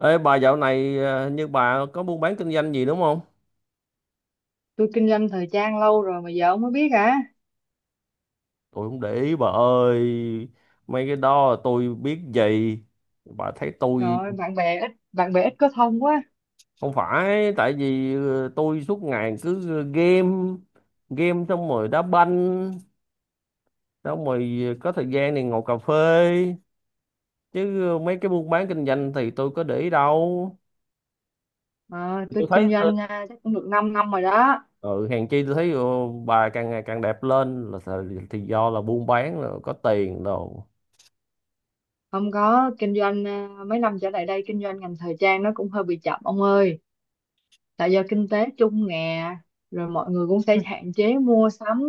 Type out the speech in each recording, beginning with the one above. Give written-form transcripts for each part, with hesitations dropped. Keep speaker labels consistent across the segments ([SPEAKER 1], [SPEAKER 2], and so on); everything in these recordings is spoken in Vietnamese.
[SPEAKER 1] Ê bà dạo này à, như bà có buôn bán kinh doanh gì đúng không?
[SPEAKER 2] Tôi kinh doanh thời trang lâu rồi mà giờ ông mới biết hả?
[SPEAKER 1] Tôi không để ý bà ơi. Mấy cái đó tôi biết gì. Bà thấy
[SPEAKER 2] Trời
[SPEAKER 1] tôi
[SPEAKER 2] ơi, bạn bè ít, có thông quá.
[SPEAKER 1] không phải tại vì tôi suốt ngày cứ game, game xong rồi đá banh xong rồi có thời gian thì ngồi cà phê, chứ mấy cái buôn bán kinh doanh thì tôi có để ý đâu.
[SPEAKER 2] Ờ,
[SPEAKER 1] Tôi
[SPEAKER 2] tôi
[SPEAKER 1] thấy
[SPEAKER 2] kinh doanh chắc cũng được 5 năm rồi đó.
[SPEAKER 1] ừ, hèn chi tôi thấy bà càng ngày càng đẹp lên là thì do là buôn bán là có tiền rồi.
[SPEAKER 2] Không có, kinh doanh mấy năm trở lại đây kinh doanh ngành thời trang nó cũng hơi bị chậm ông ơi. Tại do kinh tế chung nè, rồi mọi người cũng sẽ hạn chế mua sắm,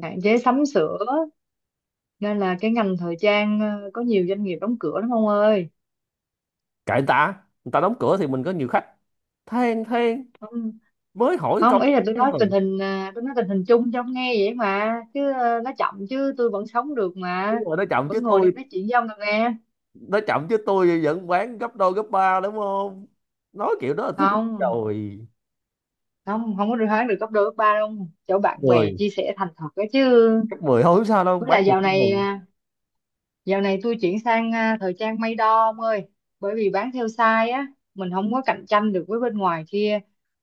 [SPEAKER 2] hạn chế sắm sửa, nên là cái ngành thời trang có nhiều doanh nghiệp đóng cửa lắm ông ơi.
[SPEAKER 1] Kệ người ta, người ta đóng cửa thì mình có nhiều khách. Than mới hỏi
[SPEAKER 2] Không,
[SPEAKER 1] câu.
[SPEAKER 2] ý là tôi
[SPEAKER 1] Than
[SPEAKER 2] nói tình
[SPEAKER 1] rồi,
[SPEAKER 2] hình tôi nói tình hình chung cho ông nghe vậy mà, chứ nó chậm chứ tôi vẫn sống được mà,
[SPEAKER 1] đúng rồi,
[SPEAKER 2] vẫn ngồi đây nói chuyện với ông được nghe.
[SPEAKER 1] nó chậm chứ tôi vẫn bán gấp đôi gấp ba đúng không, nói kiểu đó là tôi biết
[SPEAKER 2] Không,
[SPEAKER 1] rồi.
[SPEAKER 2] không có được hoán được cấp đôi cấp ba đâu, chỗ bạn bè
[SPEAKER 1] Mười,
[SPEAKER 2] chia sẻ thành thật đó chứ.
[SPEAKER 1] gấp mười thôi không sao đâu,
[SPEAKER 2] Với
[SPEAKER 1] bán
[SPEAKER 2] lại
[SPEAKER 1] được
[SPEAKER 2] dạo
[SPEAKER 1] tôi
[SPEAKER 2] này
[SPEAKER 1] mừng.
[SPEAKER 2] dạo này tôi chuyển sang thời trang may đo ông ơi. Bởi vì bán theo size á, mình không có cạnh tranh được với bên ngoài kia,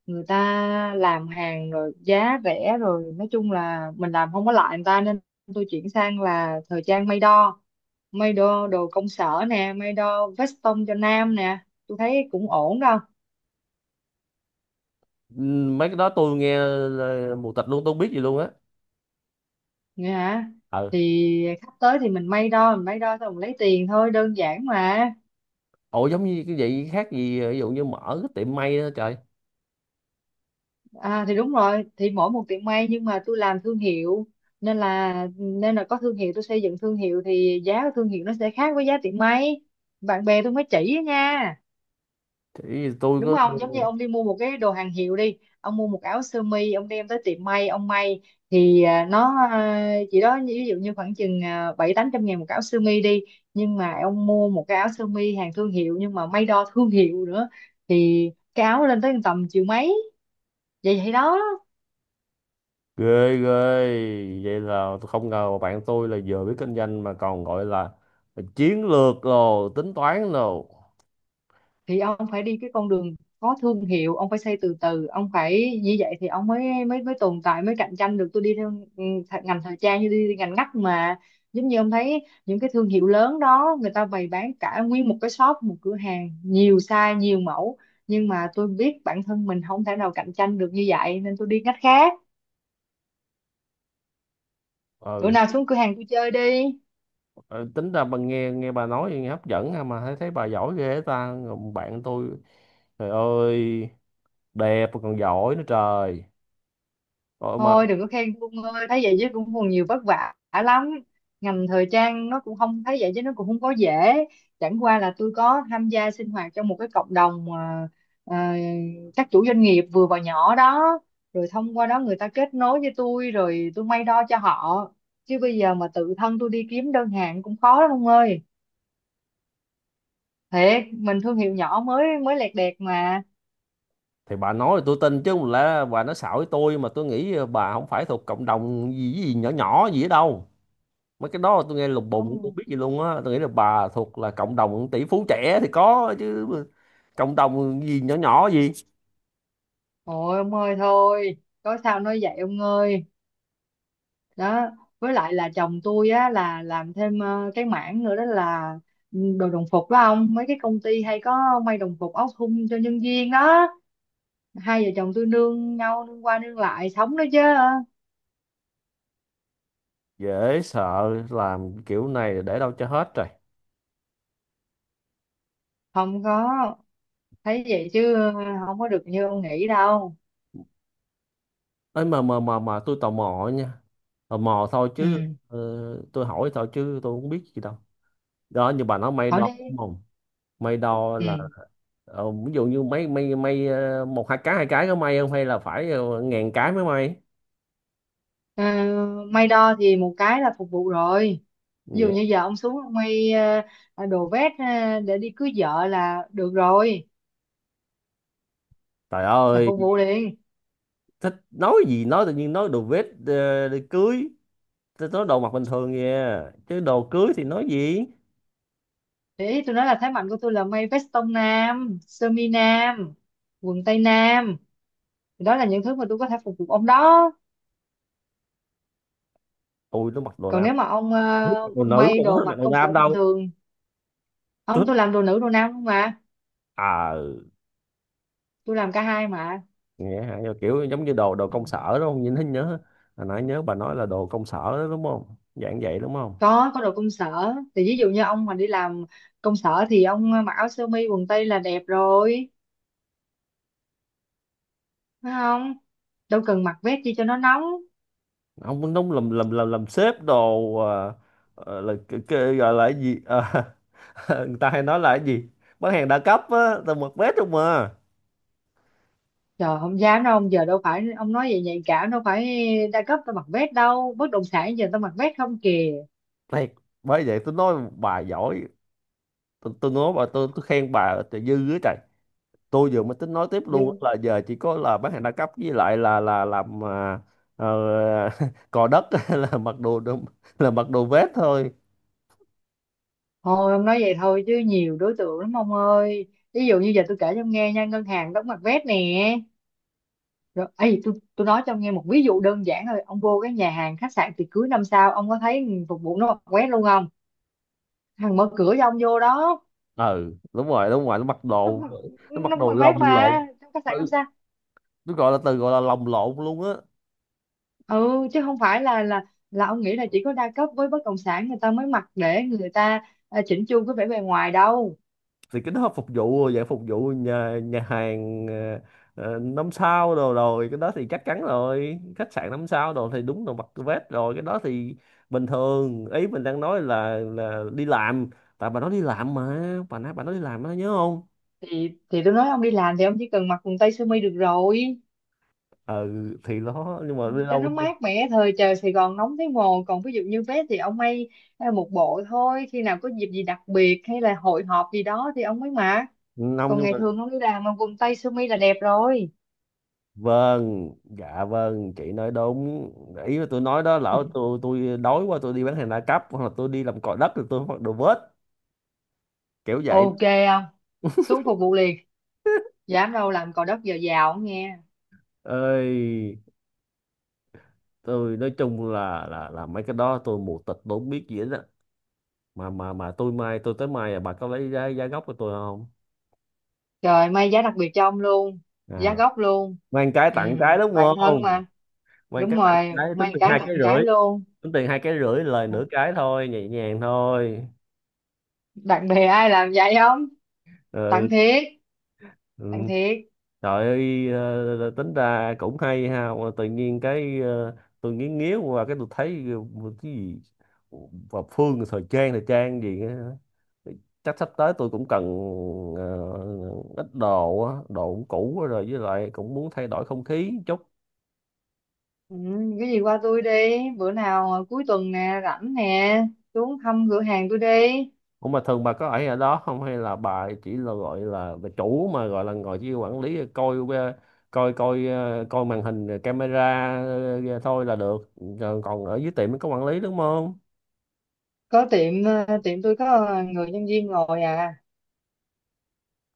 [SPEAKER 2] người ta làm hàng rồi giá rẻ rồi, nói chung là mình làm không có lại người ta, nên tôi chuyển sang là thời trang may đo. May đo đồ công sở nè, may đo vest tông cho nam nè, tôi thấy cũng ổn đâu.
[SPEAKER 1] Mấy cái đó tôi nghe là mù tịt luôn, tôi không biết gì luôn á.
[SPEAKER 2] Nghe hả?
[SPEAKER 1] Ừ.
[SPEAKER 2] Thì khách tới thì mình may đo, mình may đo xong mình lấy tiền thôi, đơn giản mà.
[SPEAKER 1] Ủa, giống như cái vậy khác gì ví dụ như mở cái tiệm may đó trời.
[SPEAKER 2] Thì đúng rồi, thì mỗi một tiệm may nhưng mà tôi làm thương hiệu, nên là có thương hiệu, tôi xây dựng thương hiệu thì giá của thương hiệu nó sẽ khác với giá tiệm may. Bạn bè tôi mới chỉ á nha.
[SPEAKER 1] Thì tôi
[SPEAKER 2] Đúng
[SPEAKER 1] có.
[SPEAKER 2] không, giống như ông đi mua một cái đồ hàng hiệu đi, ông mua một áo sơ mi, ông đem tới tiệm may ông may, thì à, nó à, chỉ đó như- ví dụ như khoảng chừng 7 8 trăm ngàn một áo sơ mi đi. Nhưng mà ông mua một cái áo sơ mi hàng thương hiệu, nhưng mà may đo thương hiệu nữa, thì cái áo lên tới tầm triệu mấy. Vậy vậy đó.
[SPEAKER 1] Ghê ghê, vậy là tôi không ngờ mà bạn tôi là vừa biết kinh doanh mà còn gọi là chiến lược rồi tính toán rồi.
[SPEAKER 2] Thì ông phải đi cái con đường có thương hiệu, ông phải xây từ từ, ông phải như vậy thì ông mới mới mới tồn tại, mới cạnh tranh được. Tôi đi theo, ngành thời trang như đi ngành ngắt mà. Giống như ông thấy những cái thương hiệu lớn đó, người ta bày bán cả nguyên một cái shop, một cửa hàng nhiều size nhiều mẫu, nhưng mà tôi biết bản thân mình không thể nào cạnh tranh được như vậy, nên tôi đi ngách khác. Bữa
[SPEAKER 1] Ừ.
[SPEAKER 2] nào xuống cửa hàng tôi chơi đi.
[SPEAKER 1] ờ, Tính ra bà, nghe nghe bà nói nghe hấp dẫn ha, mà thấy, thấy bà giỏi ghê ta. Còn bạn tôi, trời ơi, đẹp mà còn giỏi nữa trời. Ôi mà
[SPEAKER 2] Thôi đừng có khen Phương ơi, thấy vậy chứ cũng còn nhiều vất vả lắm. Ngành thời trang nó cũng không, thấy vậy chứ nó cũng không có dễ. Chẳng qua là tôi có tham gia sinh hoạt trong một cái cộng đồng mà à, các chủ doanh nghiệp vừa và nhỏ đó. Rồi thông qua đó người ta kết nối với tôi, rồi tôi may đo cho họ. Chứ bây giờ mà tự thân tôi đi kiếm đơn hàng cũng khó lắm ông ơi. Thiệt, mình thương hiệu nhỏ mới mới lẹt đẹt mà.
[SPEAKER 1] thì bà nói thì tôi tin chứ không lẽ bà nói xạo với tôi, mà tôi nghĩ bà không phải thuộc cộng đồng gì gì nhỏ nhỏ gì ở đâu. Mấy cái đó tôi nghe lùng bùng, tôi không
[SPEAKER 2] Không,
[SPEAKER 1] biết gì luôn á. Tôi nghĩ là bà thuộc là cộng đồng tỷ phú trẻ thì có chứ, cộng đồng gì nhỏ nhỏ gì.
[SPEAKER 2] ôi ông ơi thôi, có sao nói vậy ông ơi. Đó, với lại là chồng tôi á là làm thêm cái mảng nữa đó là đồ đồng phục đó ông, mấy cái công ty hay có may đồng phục áo thun cho nhân viên đó. Hai vợ chồng tôi nương nhau, nương qua nương lại sống đó chứ.
[SPEAKER 1] Dễ sợ, làm kiểu này để đâu cho hết rồi.
[SPEAKER 2] Không có, thấy vậy chứ không có được như ông nghĩ đâu.
[SPEAKER 1] Ấy mà tôi tò mò nha, tò mò thôi chứ.
[SPEAKER 2] Ừ.
[SPEAKER 1] ờ, tôi hỏi thôi chứ tôi không biết gì đâu. Đó, như bà nói may
[SPEAKER 2] Hỏi
[SPEAKER 1] đo
[SPEAKER 2] đi.
[SPEAKER 1] đúng không? May đo là
[SPEAKER 2] Ừ.
[SPEAKER 1] ví dụ như mấy may may một hai cái, hai cái có may không hay là phải ngàn cái mới may?
[SPEAKER 2] Ờ, May đo thì một cái là phục vụ rồi. Ví dụ
[SPEAKER 1] Vậy.
[SPEAKER 2] như giờ ông xuống ông may đồ vest để đi cưới vợ là được rồi,
[SPEAKER 1] Trời
[SPEAKER 2] là
[SPEAKER 1] ơi,
[SPEAKER 2] phục vụ liền.
[SPEAKER 1] thích nói gì nói tự nhiên, nói đồ vest để cưới. Tôi nói đồ mặc bình thường kìa, chứ đồ cưới thì nói gì.
[SPEAKER 2] Đấy, tôi nói là thế mạnh của tôi là may vest tông nam, sơ mi nam, quần tây nam. Thì đó là những thứ mà tôi có thể phục vụ ông đó.
[SPEAKER 1] Ui, tôi mặc đồ
[SPEAKER 2] Còn
[SPEAKER 1] nam.
[SPEAKER 2] nếu mà ông
[SPEAKER 1] Tôi thích mặc đồ nữ mà,
[SPEAKER 2] may
[SPEAKER 1] tôi
[SPEAKER 2] đồ
[SPEAKER 1] không mặc
[SPEAKER 2] mặc
[SPEAKER 1] đồ
[SPEAKER 2] công sở
[SPEAKER 1] nam
[SPEAKER 2] bình
[SPEAKER 1] đâu.
[SPEAKER 2] thường,
[SPEAKER 1] Tôi
[SPEAKER 2] ông,
[SPEAKER 1] thích.
[SPEAKER 2] tôi làm đồ nữ đồ nam không mà,
[SPEAKER 1] À,
[SPEAKER 2] tôi làm cả hai mà.
[SPEAKER 1] nghe hả. Nhưng mà kiểu giống như đồ, đồ công sở đúng không, nhìn thấy nhớ hồi nãy nhớ bà nói là đồ công sở đó, đúng không, dạng vậy đúng không?
[SPEAKER 2] Có đồ công sở. Thì ví dụ như ông mà đi làm công sở thì ông mặc áo sơ mi quần tây là đẹp rồi, phải không? Đâu cần mặc vest chi cho nó nóng.
[SPEAKER 1] Không, đúng, làm sếp đồ là cái gọi là cái gì. Ờ, người ta hay nói là cái gì, bán hàng đa cấp á. Tôi mặc vest không mà.
[SPEAKER 2] Trời không dám đâu ông, giờ đâu phải ông nói vậy, nhạy cảm, đâu phải đa cấp tao mặc vest đâu, bất động sản giờ tao mặc vest không kìa.
[SPEAKER 1] Thiệt. Bởi vậy tôi nói bà giỏi. Tôi nói bà, tôi khen bà trời dư á trời. Tôi vừa mới tính nói tiếp luôn á, là giờ chỉ có là bán hàng đa cấp với lại là làm ờ, cò đất là mặc đồ là mặc đồ vest thôi.
[SPEAKER 2] Thôi ông nói vậy thôi chứ nhiều đối tượng lắm ông ơi. Ví dụ như giờ tôi kể cho ông nghe nha, ngân hàng đóng mặt vét nè. Rồi, ấy tôi nói cho ông nghe một ví dụ đơn giản thôi. Ông vô cái nhà hàng khách sạn tiệc cưới năm sao, ông có thấy phục vụ nó mặc vét luôn không? Thằng mở cửa cho ông vô đó,
[SPEAKER 1] Ừ, đúng rồi, đúng rồi, nó mặc
[SPEAKER 2] nó
[SPEAKER 1] đồ,
[SPEAKER 2] mặc-
[SPEAKER 1] nó mặc
[SPEAKER 2] nó
[SPEAKER 1] đồ
[SPEAKER 2] mặc vét
[SPEAKER 1] lồng lộn.
[SPEAKER 2] mà trong khách sạn năm
[SPEAKER 1] Ừ,
[SPEAKER 2] sao.
[SPEAKER 1] tôi gọi là từ gọi là lồng lộn luôn á.
[SPEAKER 2] Ừ chứ không phải là ông nghĩ là chỉ có đa cấp với bất động sản người ta mới mặc, để người ta chỉnh chu cái vẻ bề ngoài đâu.
[SPEAKER 1] Thì cái đó phục vụ, dạng phục vụ nhà, nhà hàng năm sao đồ, rồi cái đó thì chắc chắn rồi, khách sạn năm sao đồ thì đúng là mặc vest rồi, cái đó thì bình thường. Ý mình đang nói là đi làm, tại bà nói đi làm mà, bà nói đi làm đó, nhớ không?
[SPEAKER 2] Thì tôi nói ông đi làm thì ông chỉ cần mặc quần tây sơ mi được rồi,
[SPEAKER 1] Ừ. Thì đó, nhưng mà đi
[SPEAKER 2] cho
[SPEAKER 1] đâu.
[SPEAKER 2] nó mát mẻ, thời trời Sài Gòn nóng thấy mồ. Còn ví dụ như vé thì ông may một bộ thôi, khi nào có dịp gì đặc biệt hay là hội họp gì đó thì ông mới mặc.
[SPEAKER 1] Năm,
[SPEAKER 2] Còn
[SPEAKER 1] nhưng
[SPEAKER 2] ngày
[SPEAKER 1] mà
[SPEAKER 2] thường không đi làm mà quần tây sơ mi là đẹp rồi.
[SPEAKER 1] vâng, dạ vâng, chị nói đúng. Ý là tôi nói đó, lỡ tôi đói quá tôi đi bán hàng đa cấp hoặc là tôi đi làm cò đất thì tôi mặc đồ vest kiểu vậy.
[SPEAKER 2] Ok. Không, xuống phục vụ liền. Dám đâu, làm cò đất giờ giàu không nghe.
[SPEAKER 1] Ơi, tôi nói chung là mấy cái đó tôi mù tịt, tôi không biết gì hết á. Mà tôi mai, tôi tới mai bà có lấy giá, giá gốc của tôi không?
[SPEAKER 2] Trời, may giá đặc biệt cho ông luôn,
[SPEAKER 1] à,
[SPEAKER 2] giá gốc luôn.
[SPEAKER 1] Mang cái
[SPEAKER 2] Ừ,
[SPEAKER 1] tặng cái đúng
[SPEAKER 2] bạn thân
[SPEAKER 1] không.
[SPEAKER 2] mà.
[SPEAKER 1] Mang
[SPEAKER 2] Đúng
[SPEAKER 1] cái tặng
[SPEAKER 2] rồi,
[SPEAKER 1] cái, tính
[SPEAKER 2] may một
[SPEAKER 1] tiền
[SPEAKER 2] cái
[SPEAKER 1] hai
[SPEAKER 2] tặng
[SPEAKER 1] cái
[SPEAKER 2] một
[SPEAKER 1] rưỡi.
[SPEAKER 2] cái luôn.
[SPEAKER 1] Tính tiền hai cái rưỡi, lời nửa cái thôi, nhẹ nhàng thôi.
[SPEAKER 2] Bạn bè ai làm vậy không? Tặng
[SPEAKER 1] Ừ.
[SPEAKER 2] thiệt.
[SPEAKER 1] Ừ.
[SPEAKER 2] Tặng thiệt.
[SPEAKER 1] Trời ơi. Ờ, Tính ra cũng hay ha, mà tự nhiên cái tôi nghiến nghiến qua cái tôi thấy cái gì, và Phương thời trang, thời trang gì á. Chắc sắp tới tôi cũng cần ờ, ít đồ á, đồ cũng cũ quá rồi với lại cũng muốn thay đổi không khí chút.
[SPEAKER 2] Ừ, cái gì qua tôi đi. Bữa nào cuối tuần nè, rảnh nè, xuống thăm cửa hàng tôi đi.
[SPEAKER 1] Ủa mà thường bà có ở ở đó không hay là bà chỉ là gọi là bà chủ mà gọi là ngồi chỉ quản lý coi coi, coi coi màn hình rồi camera thôi là được? Rồi còn ở dưới tiệm mới có quản lý đúng không?
[SPEAKER 2] Có tiệm, tiệm tôi có người nhân viên ngồi à.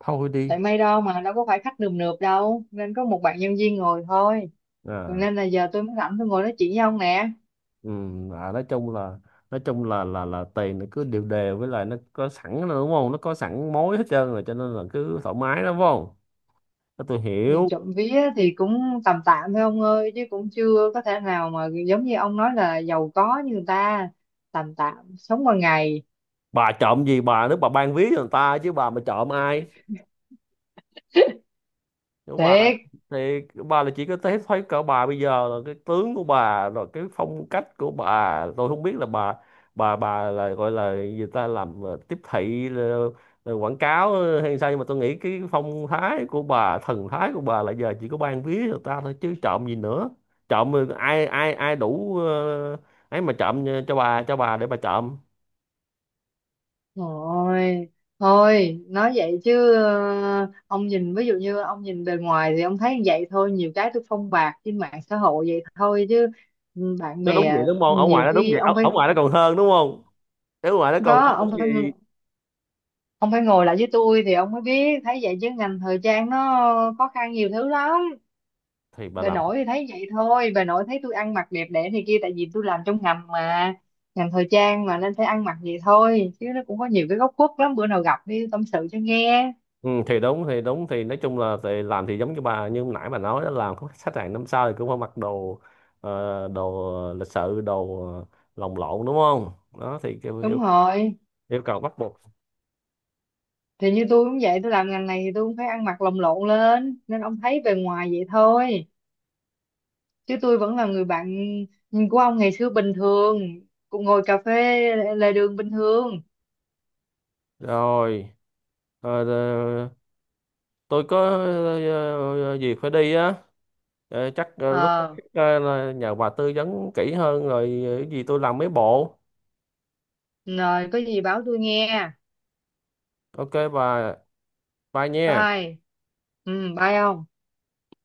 [SPEAKER 1] Thôi đi.
[SPEAKER 2] Tại may đâu mà đâu có phải khách nườm nượp đâu, nên có một bạn nhân viên ngồi thôi. Còn
[SPEAKER 1] À,
[SPEAKER 2] nên là giờ tôi mới rảnh tôi ngồi nói chuyện với ông nè.
[SPEAKER 1] à, nói chung là, nói chung là tiền nó cứ đều đều, với lại nó có sẵn rồi đúng không, nó có sẵn mối hết trơn rồi cho nên là cứ thoải mái lắm phải không. Thế tôi
[SPEAKER 2] Thì
[SPEAKER 1] hiểu.
[SPEAKER 2] trộm vía thì cũng tầm tạm thôi ông ơi, chứ cũng chưa có thể nào mà giống như ông nói là giàu có như người ta. Tầm tạm sống qua ngày.
[SPEAKER 1] Bà trộm gì bà, nếu bà ban ví cho người ta chứ bà mà trộm ai. Nếu bà
[SPEAKER 2] Thiệt.
[SPEAKER 1] thì bà là chỉ có thấy, thấy cỡ bà bây giờ là cái tướng của bà rồi, cái phong cách của bà, tôi không biết là bà, bà là gọi là người ta làm tiếp thị, quảng cáo hay sao, nhưng mà tôi nghĩ cái phong thái của bà, thần thái của bà là giờ chỉ có ban ví cho người ta thôi chứ trộm gì nữa. Trộm ai ai ai đủ ấy mà trộm cho bà, cho bà để bà trộm.
[SPEAKER 2] Thôi, thôi, nói vậy chứ ông nhìn, ví dụ như ông nhìn bề ngoài thì ông thấy vậy thôi, nhiều cái tôi phong bạt trên mạng xã hội vậy thôi chứ. Ừ, bạn
[SPEAKER 1] Nó đúng
[SPEAKER 2] bè
[SPEAKER 1] vậy
[SPEAKER 2] ừ,
[SPEAKER 1] đúng không, ở ngoài
[SPEAKER 2] nhiều
[SPEAKER 1] nó đúng
[SPEAKER 2] khi
[SPEAKER 1] vậy, ở,
[SPEAKER 2] ông
[SPEAKER 1] ở
[SPEAKER 2] phải
[SPEAKER 1] ngoài nó còn hơn đúng không. Ở ngoài nó còn
[SPEAKER 2] có,
[SPEAKER 1] cái
[SPEAKER 2] ông phải,
[SPEAKER 1] gì.
[SPEAKER 2] ông phải ngồi lại với tôi thì ông mới biết, thấy vậy chứ ngành thời trang nó khó khăn nhiều thứ lắm.
[SPEAKER 1] Thì bà
[SPEAKER 2] Bà
[SPEAKER 1] làm.
[SPEAKER 2] nội thì thấy vậy thôi, bà nội thấy tôi ăn mặc đẹp đẽ thì kia tại vì tôi làm trong ngành mà, ngành thời trang mà, nên phải ăn mặc vậy thôi chứ nó cũng có nhiều cái góc khuất lắm, bữa nào gặp đi tâm sự cho nghe.
[SPEAKER 1] Ừ, thì đúng, thì đúng, thì nói chung là thì làm, thì giống như bà như nãy bà nói đó, làm có khách hàng năm sau thì cũng phải mặc đồ đồ lịch sự, đồ lồng lộn đúng không. Đó thì
[SPEAKER 2] Đúng rồi.
[SPEAKER 1] yêu cầu bắt buộc.
[SPEAKER 2] Thì như tôi cũng vậy, tôi làm ngành này thì tôi cũng phải ăn mặc lồng lộn lên, nên ông thấy bề ngoài vậy thôi, chứ tôi vẫn là người bạn của ông ngày xưa, bình thường cũng ngồi cà phê lề đường bình thường.
[SPEAKER 1] Rồi, ờ, ờ, tôi có việc phải đi á. Ờ, chắc lúc khác
[SPEAKER 2] Ờ,
[SPEAKER 1] là nhờ bà tư vấn kỹ hơn, rồi cái gì tôi làm mấy bộ.
[SPEAKER 2] rồi có gì báo tôi nghe.
[SPEAKER 1] Ok bà, bye nha.
[SPEAKER 2] Bye. Ừ. Bye ông.